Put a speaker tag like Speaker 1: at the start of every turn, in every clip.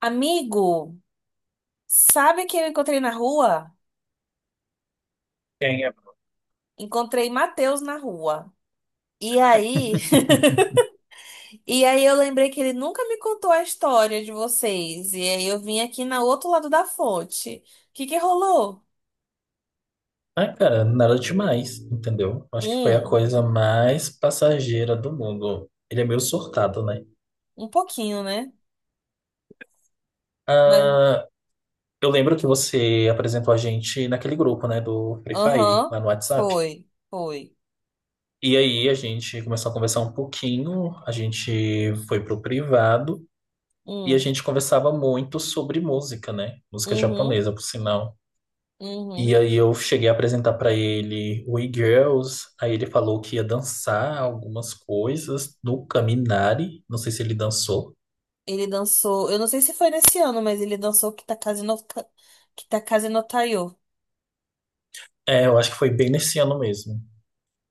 Speaker 1: Amigo, sabe quem eu encontrei na rua?
Speaker 2: Ganha.
Speaker 1: Encontrei Matheus na rua. E aí, e aí eu lembrei que ele nunca me contou a história de vocês. E aí eu vim aqui na outro lado da fonte. O que que rolou?
Speaker 2: Ah, cara, nada demais, entendeu? Acho que foi a
Speaker 1: Hum,
Speaker 2: coisa mais passageira do mundo. Ele é meio surtado, né?
Speaker 1: um pouquinho, né? Mas,
Speaker 2: Ah, eu lembro que você apresentou a gente naquele grupo, né, do Free Fire,
Speaker 1: aham,
Speaker 2: lá no WhatsApp.
Speaker 1: foi.
Speaker 2: E aí a gente começou a conversar um pouquinho, a gente foi pro privado e a
Speaker 1: Hum,
Speaker 2: gente conversava muito sobre música, né? Música
Speaker 1: uhum,
Speaker 2: japonesa, por sinal. E
Speaker 1: uhum.
Speaker 2: aí eu cheguei a apresentar pra ele We Girls, aí ele falou que ia dançar algumas coisas no Caminari, não sei se ele dançou.
Speaker 1: Ele dançou, eu não sei se foi nesse ano, mas ele dançou Kitakaze no, Kitakaze no Taiyo.
Speaker 2: É, eu acho que foi bem nesse ano mesmo.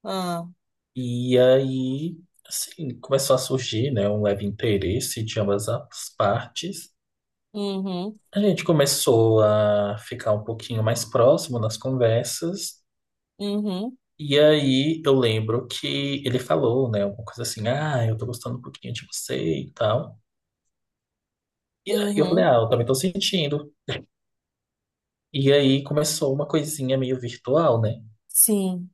Speaker 1: Ah,
Speaker 2: E aí, assim, começou a surgir, né, um leve interesse de ambas as partes.
Speaker 1: uhum,
Speaker 2: A gente começou a ficar um pouquinho mais próximo nas conversas.
Speaker 1: uhum,
Speaker 2: E aí eu lembro que ele falou, né, alguma coisa assim, ah, eu tô gostando um pouquinho de você e tal. E aí eu falei,
Speaker 1: uhum.
Speaker 2: ah, eu também tô sentindo. E aí começou uma coisinha meio virtual, né?
Speaker 1: Sim,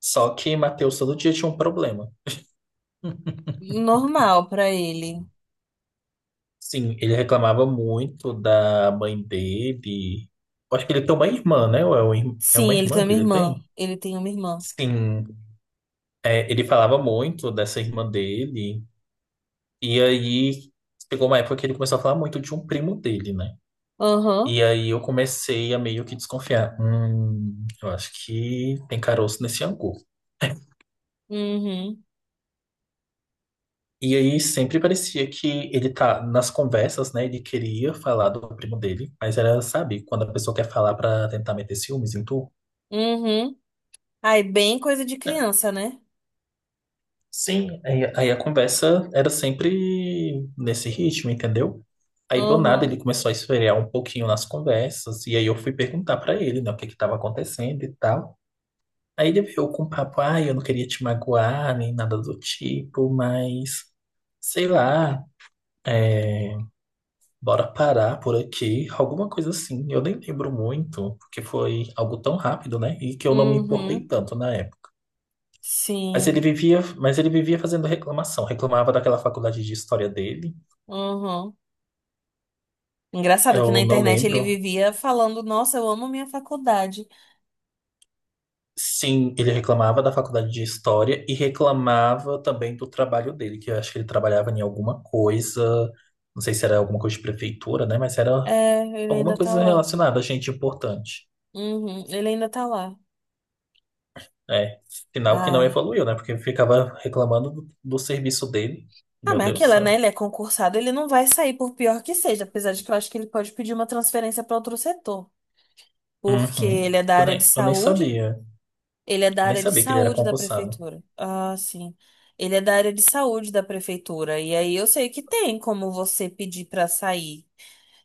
Speaker 2: Só que Matheus todo dia tinha um problema.
Speaker 1: normal pra ele.
Speaker 2: Sim, ele reclamava muito da mãe dele. Eu acho que ele tem uma irmã, né? Ou é uma
Speaker 1: Sim, ele tem
Speaker 2: irmã
Speaker 1: uma
Speaker 2: que ele
Speaker 1: irmã.
Speaker 2: tem?
Speaker 1: Ele tem uma irmã.
Speaker 2: Sim, é, ele falava muito dessa irmã dele. E aí chegou uma época que ele começou a falar muito de um primo dele, né?
Speaker 1: Aham.
Speaker 2: E aí eu comecei a meio que desconfiar. Eu acho que tem caroço nesse angu.
Speaker 1: Uhum.
Speaker 2: E aí sempre parecia que ele tá nas conversas, né? Ele queria falar do primo dele, mas era, sabe, quando a pessoa quer falar pra tentar meter ciúmes em tu.
Speaker 1: Uhum. Aí, bem coisa de criança, né?
Speaker 2: Sim. Aí a conversa era sempre nesse ritmo, entendeu? Aí do nada ele
Speaker 1: Aham.
Speaker 2: começou a esfriar um pouquinho nas conversas, e aí eu fui perguntar pra ele, né, o que que tava acontecendo e tal. Aí ele veio com o papo, ah, eu não queria te magoar, nem nada do tipo, mas sei lá. é Bora parar por aqui, alguma coisa assim. Eu nem lembro muito, porque foi algo tão rápido, né? E que eu não me importei
Speaker 1: Uhum.
Speaker 2: tanto na época. Mas ele
Speaker 1: Sim.
Speaker 2: vivia, mas ele vivia fazendo reclamação. Reclamava daquela faculdade de história dele.
Speaker 1: Aham. Engraçado que na
Speaker 2: Eu não
Speaker 1: internet ele
Speaker 2: lembro.
Speaker 1: vivia falando: Nossa, eu amo minha faculdade.
Speaker 2: Sim, ele reclamava da faculdade de história e reclamava também do trabalho dele, que eu acho que ele trabalhava em alguma coisa, não sei se era alguma coisa de prefeitura, né? Mas era
Speaker 1: É, ele
Speaker 2: alguma
Speaker 1: ainda tá
Speaker 2: coisa
Speaker 1: lá.
Speaker 2: relacionada a gente importante.
Speaker 1: Uhum. Ele ainda tá lá.
Speaker 2: É, sinal que não
Speaker 1: Ai.
Speaker 2: evoluiu, né? Porque ficava reclamando do serviço dele.
Speaker 1: Ah,
Speaker 2: Meu
Speaker 1: mas
Speaker 2: Deus do
Speaker 1: aquilo, né?
Speaker 2: céu.
Speaker 1: Ele é concursado, ele não vai sair por pior que seja, apesar de que eu acho que ele pode pedir uma transferência para outro setor, porque
Speaker 2: Uhum.
Speaker 1: ele é da
Speaker 2: Eu
Speaker 1: área de
Speaker 2: nem, eu nem
Speaker 1: saúde.
Speaker 2: sabia.
Speaker 1: Ele é da
Speaker 2: Eu nem
Speaker 1: área de
Speaker 2: sabia que ele era
Speaker 1: saúde da
Speaker 2: concursado.
Speaker 1: prefeitura. Ah, sim. Ele é da área de saúde da prefeitura. E aí eu sei que tem como você pedir pra sair.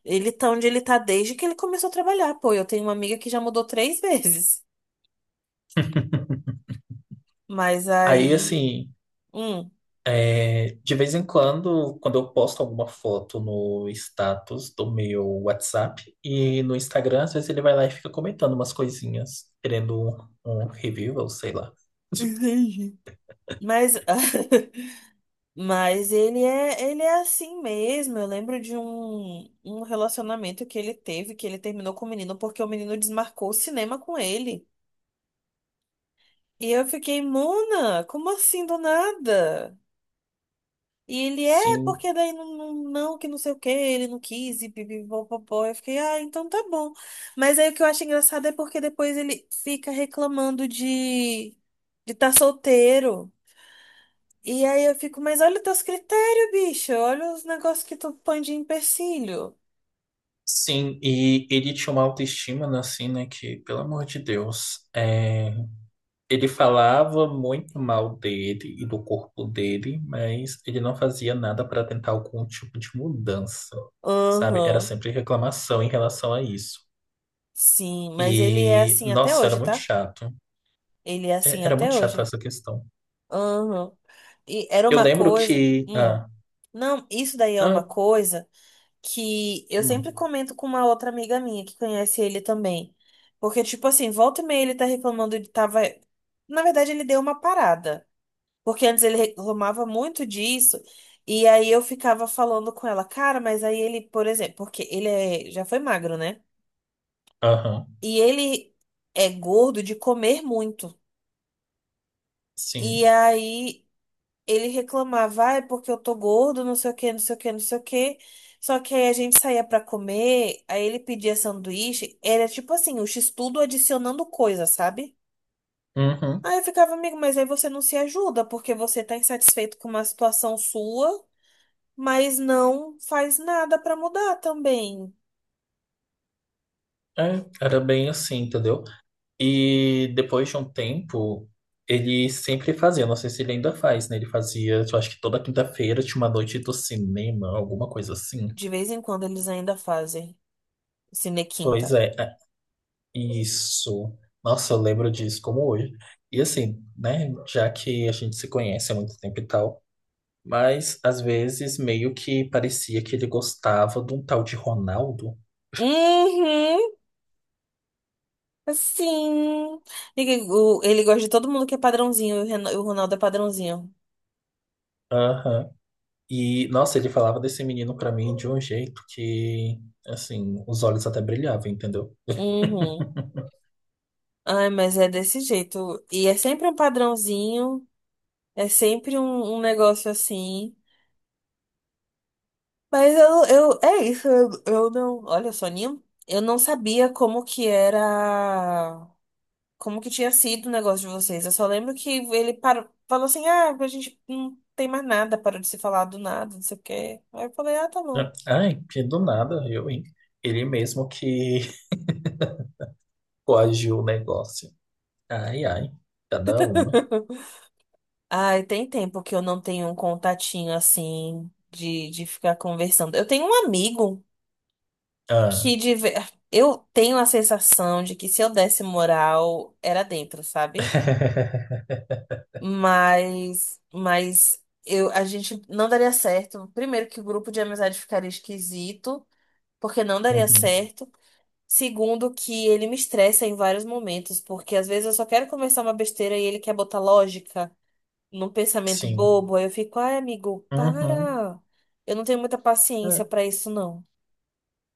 Speaker 1: Ele tá onde ele tá desde que ele começou a trabalhar. Pô, eu tenho uma amiga que já mudou três vezes. Mas
Speaker 2: Aí,
Speaker 1: aí.
Speaker 2: assim,
Speaker 1: Hum.
Speaker 2: é, de vez em quando, quando eu posto alguma foto no status do meu WhatsApp e no Instagram, às vezes ele vai lá e fica comentando umas coisinhas, querendo um review, ou sei lá.
Speaker 1: Entendi. Mas, mas ele é assim mesmo. Eu lembro de um relacionamento que ele teve, que ele terminou com o menino porque o menino desmarcou o cinema com ele. E eu fiquei, Mona, como assim do nada? E ele é,
Speaker 2: Sim,
Speaker 1: porque daí não, não, não, que não sei o que, ele não quis, e pipipopopó. Eu fiquei, ah, então tá bom. Mas aí o que eu acho engraçado é porque depois ele fica reclamando de tá solteiro. E aí eu fico, mas olha os teus critérios, bicho, olha os negócios que tu põe de empecilho.
Speaker 2: sim. E ele tinha uma autoestima, né, assim, né? Que, pelo amor de Deus. Ele falava muito mal dele e do corpo dele, mas ele não fazia nada para tentar algum tipo de mudança, sabe? Era
Speaker 1: Aham,
Speaker 2: sempre reclamação em relação a isso.
Speaker 1: sim, mas ele é
Speaker 2: E,
Speaker 1: assim até
Speaker 2: nossa, era
Speaker 1: hoje,
Speaker 2: muito
Speaker 1: tá?
Speaker 2: chato.
Speaker 1: Ele é
Speaker 2: É,
Speaker 1: assim
Speaker 2: era muito
Speaker 1: até
Speaker 2: chato
Speaker 1: hoje.
Speaker 2: essa questão.
Speaker 1: Aham. E era
Speaker 2: Eu
Speaker 1: uma
Speaker 2: lembro
Speaker 1: coisa.
Speaker 2: que.
Speaker 1: Hum.
Speaker 2: Ah,
Speaker 1: Não, isso daí é uma
Speaker 2: não,
Speaker 1: coisa que eu
Speaker 2: hum,
Speaker 1: sempre comento com uma outra amiga minha que conhece ele também. Porque, tipo assim, volta e meia ele tá reclamando de tava. Na verdade, ele deu uma parada. Porque antes ele reclamava muito disso. E aí eu ficava falando com ela, cara, mas aí ele, por exemplo, porque já foi magro, né?
Speaker 2: aham,
Speaker 1: E ele é gordo de comer muito. E
Speaker 2: sim.
Speaker 1: aí ele reclamava, ah, é porque eu tô gordo, não sei o que, não sei o que, não sei o que. Só que aí a gente saía pra comer, aí ele pedia sanduíche, era tipo assim, o x-tudo adicionando coisa, sabe?
Speaker 2: Uhum,
Speaker 1: Aí eu ficava, amigo, mas aí você não se ajuda, porque você tá insatisfeito com uma situação sua, mas não faz nada pra mudar também.
Speaker 2: é, era bem assim, entendeu? E depois de um tempo, ele sempre fazia, não sei se ele ainda faz, né? Ele fazia, eu acho que toda quinta-feira tinha uma noite do cinema, alguma coisa assim.
Speaker 1: De vez em quando eles ainda fazem
Speaker 2: Pois
Speaker 1: cinequinta.
Speaker 2: é, isso. Nossa, eu lembro disso como hoje. E assim, né? Já que a gente se conhece há muito tempo e tal, mas às vezes meio que parecia que ele gostava de um tal de Ronaldo.
Speaker 1: Uhum, sim. Ele gosta de todo mundo que é padrãozinho, e o Ronaldo é padrãozinho.
Speaker 2: Aham. E, nossa, ele falava desse menino pra mim de um jeito que, assim, os olhos até brilhavam, entendeu?
Speaker 1: Uhum. Ai, mas é desse jeito. E é sempre um padrãozinho, é sempre um negócio assim. Mas eu, é isso, eu não. Olha, Soninho, eu não sabia como que era. Como que tinha sido o negócio de vocês. Eu só lembro que ele parou, falou assim: ah, a gente não tem mais nada, parou de se falar do nada, não sei o quê. Aí eu falei: ah, tá bom.
Speaker 2: Ai, que do nada, viu, hein? Ele mesmo que coagiu o negócio. Ai, ai, cada uma.
Speaker 1: Ai, tem tempo que eu não tenho um contatinho assim de ficar conversando. Eu tenho um amigo
Speaker 2: Ah.
Speaker 1: que de ver- eu tenho a sensação de que se eu desse moral era dentro, sabe? Mas eu, a gente não daria certo. Primeiro que o grupo de amizade ficaria esquisito, porque não daria
Speaker 2: Uhum.
Speaker 1: certo. Segundo que ele me estressa em vários momentos, porque às vezes eu só quero conversar uma besteira e ele quer botar lógica num pensamento
Speaker 2: Sim.
Speaker 1: bobo, aí eu fico, ai, amigo,
Speaker 2: Uhum.
Speaker 1: para. Eu não tenho muita paciência
Speaker 2: É,
Speaker 1: pra isso não.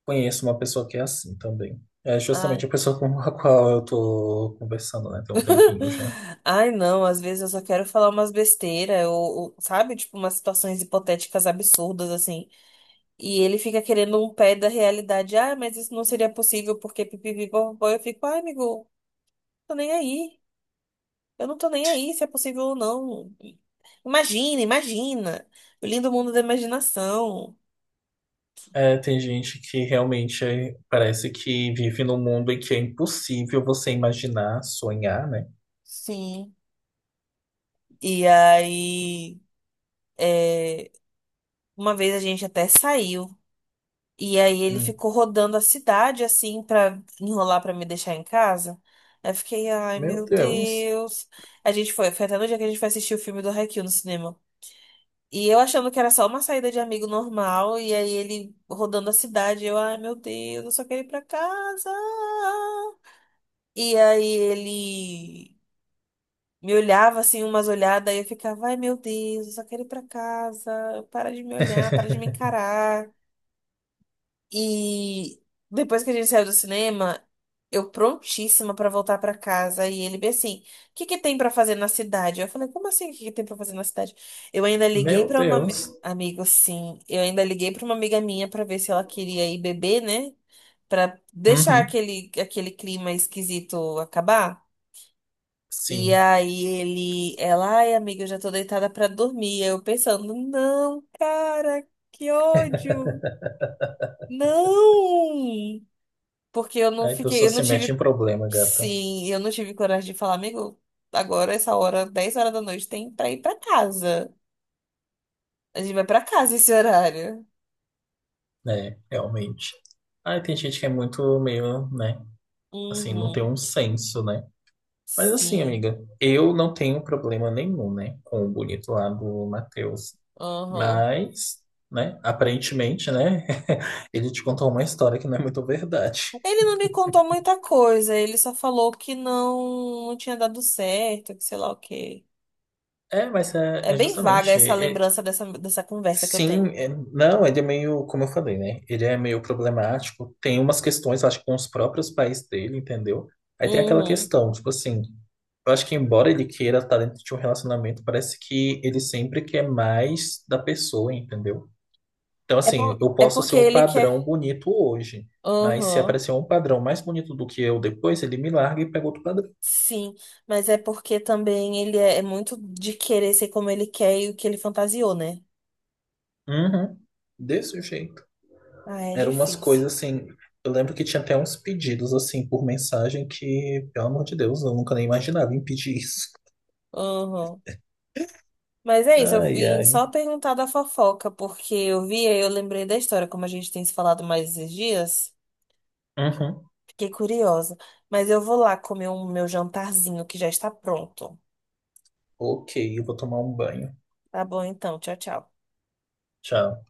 Speaker 2: conheço uma pessoa que é assim também. É justamente a pessoa com a qual eu tô conversando, né? Tem um tempinho já.
Speaker 1: Ai, não, às vezes eu só quero falar umas besteiras, ou, sabe? Tipo, umas situações hipotéticas absurdas, assim. E ele fica querendo um pé da realidade. Ah, mas isso não seria possível porque pipipi, popopó. Eu fico, ai, amigo, tô nem aí. Eu não tô nem aí se é possível ou não. Imagina, imagina. O lindo mundo da imaginação.
Speaker 2: É, tem gente que realmente é- parece que vive num mundo em que é impossível você imaginar, sonhar, né?
Speaker 1: Sim. E aí, é, uma vez a gente até saiu. E aí ele
Speaker 2: Hum.
Speaker 1: ficou rodando a cidade assim pra enrolar pra me deixar em casa. Aí eu fiquei, ai
Speaker 2: Meu
Speaker 1: meu
Speaker 2: Deus.
Speaker 1: Deus. A gente foi até no dia que a gente foi assistir o filme do Haikyuu no cinema. E eu achando que era só uma saída de amigo normal, e aí ele rodando a cidade, eu, ai meu Deus, eu só quero ir pra casa. E aí ele me olhava assim, umas olhadas, e eu ficava, ai meu Deus, eu só quero ir pra casa, para de me olhar, para de me encarar. E depois que a gente saiu do cinema, eu prontíssima pra voltar pra casa. E ele bem assim: o que que tem pra fazer na cidade? Eu falei: como assim? O que que tem pra fazer na cidade? Eu ainda liguei
Speaker 2: Meu
Speaker 1: pra uma
Speaker 2: Deus.
Speaker 1: amigo, sim. Eu ainda liguei pra uma amiga minha pra ver se ela queria ir beber, né? Pra deixar
Speaker 2: Uhum.
Speaker 1: aquele clima esquisito acabar. E
Speaker 2: Sim.
Speaker 1: aí ele, ela, ai amiga, eu já tô deitada pra dormir. Eu pensando, não, cara, que ódio. Não! Porque eu não
Speaker 2: É que eu só
Speaker 1: fiquei, eu não
Speaker 2: se mete em
Speaker 1: tive,
Speaker 2: problema, gata.
Speaker 1: sim, eu, não tive coragem de falar, amigo, agora essa hora, 10 horas da noite, tem pra ir pra casa. A gente vai pra casa esse horário.
Speaker 2: É, realmente. Aí tem gente que é muito meio, né? Assim, não tem
Speaker 1: Uhum,
Speaker 2: um senso, né? Mas assim,
Speaker 1: sim,
Speaker 2: amiga, eu não tenho problema nenhum, né? Com o bonito lá do Matheus.
Speaker 1: aham.
Speaker 2: Mas, né? Aparentemente, né? Ele te contou uma história que não é muito verdade.
Speaker 1: Ele não me contou muita coisa, ele só falou que não, não tinha dado certo, que sei lá o quê.
Speaker 2: É, mas é,
Speaker 1: É
Speaker 2: é
Speaker 1: bem vaga
Speaker 2: justamente.
Speaker 1: essa lembrança dessa conversa que eu
Speaker 2: Sim,
Speaker 1: tenho.
Speaker 2: é- não, ele é meio, como eu falei, né? Ele é meio problemático. Tem umas questões, acho que com os próprios pais dele, entendeu? Aí tem aquela
Speaker 1: Uhum.
Speaker 2: questão, tipo assim, eu acho que embora ele queira estar dentro de um relacionamento, parece que ele sempre quer mais da pessoa, entendeu? Então,
Speaker 1: É,
Speaker 2: assim, eu
Speaker 1: é
Speaker 2: posso ser
Speaker 1: porque
Speaker 2: um
Speaker 1: ele quer.
Speaker 2: padrão bonito hoje, mas se
Speaker 1: Aham.
Speaker 2: aparecer um padrão mais bonito do que eu depois, ele me larga e pega outro padrão.
Speaker 1: Sim, mas é porque também ele é muito de querer ser como ele quer e o que ele fantasiou, né?
Speaker 2: Uhum, desse jeito.
Speaker 1: Ah, é
Speaker 2: Eram umas
Speaker 1: difícil.
Speaker 2: coisas assim. Eu lembro que tinha até uns pedidos assim por mensagem que, pelo amor de Deus, eu nunca nem imaginava em pedir isso.
Speaker 1: Uhum. Mas é isso, eu
Speaker 2: Ai,
Speaker 1: vim
Speaker 2: ai.
Speaker 1: só perguntar da fofoca, porque eu vi e eu lembrei da história, como a gente tem se falado mais esses dias.
Speaker 2: Uhum.
Speaker 1: Fiquei curiosa. Mas eu vou lá comer o meu jantarzinho que já está pronto.
Speaker 2: Ok, eu vou tomar um banho.
Speaker 1: Tá bom então, tchau, tchau.
Speaker 2: Tchau.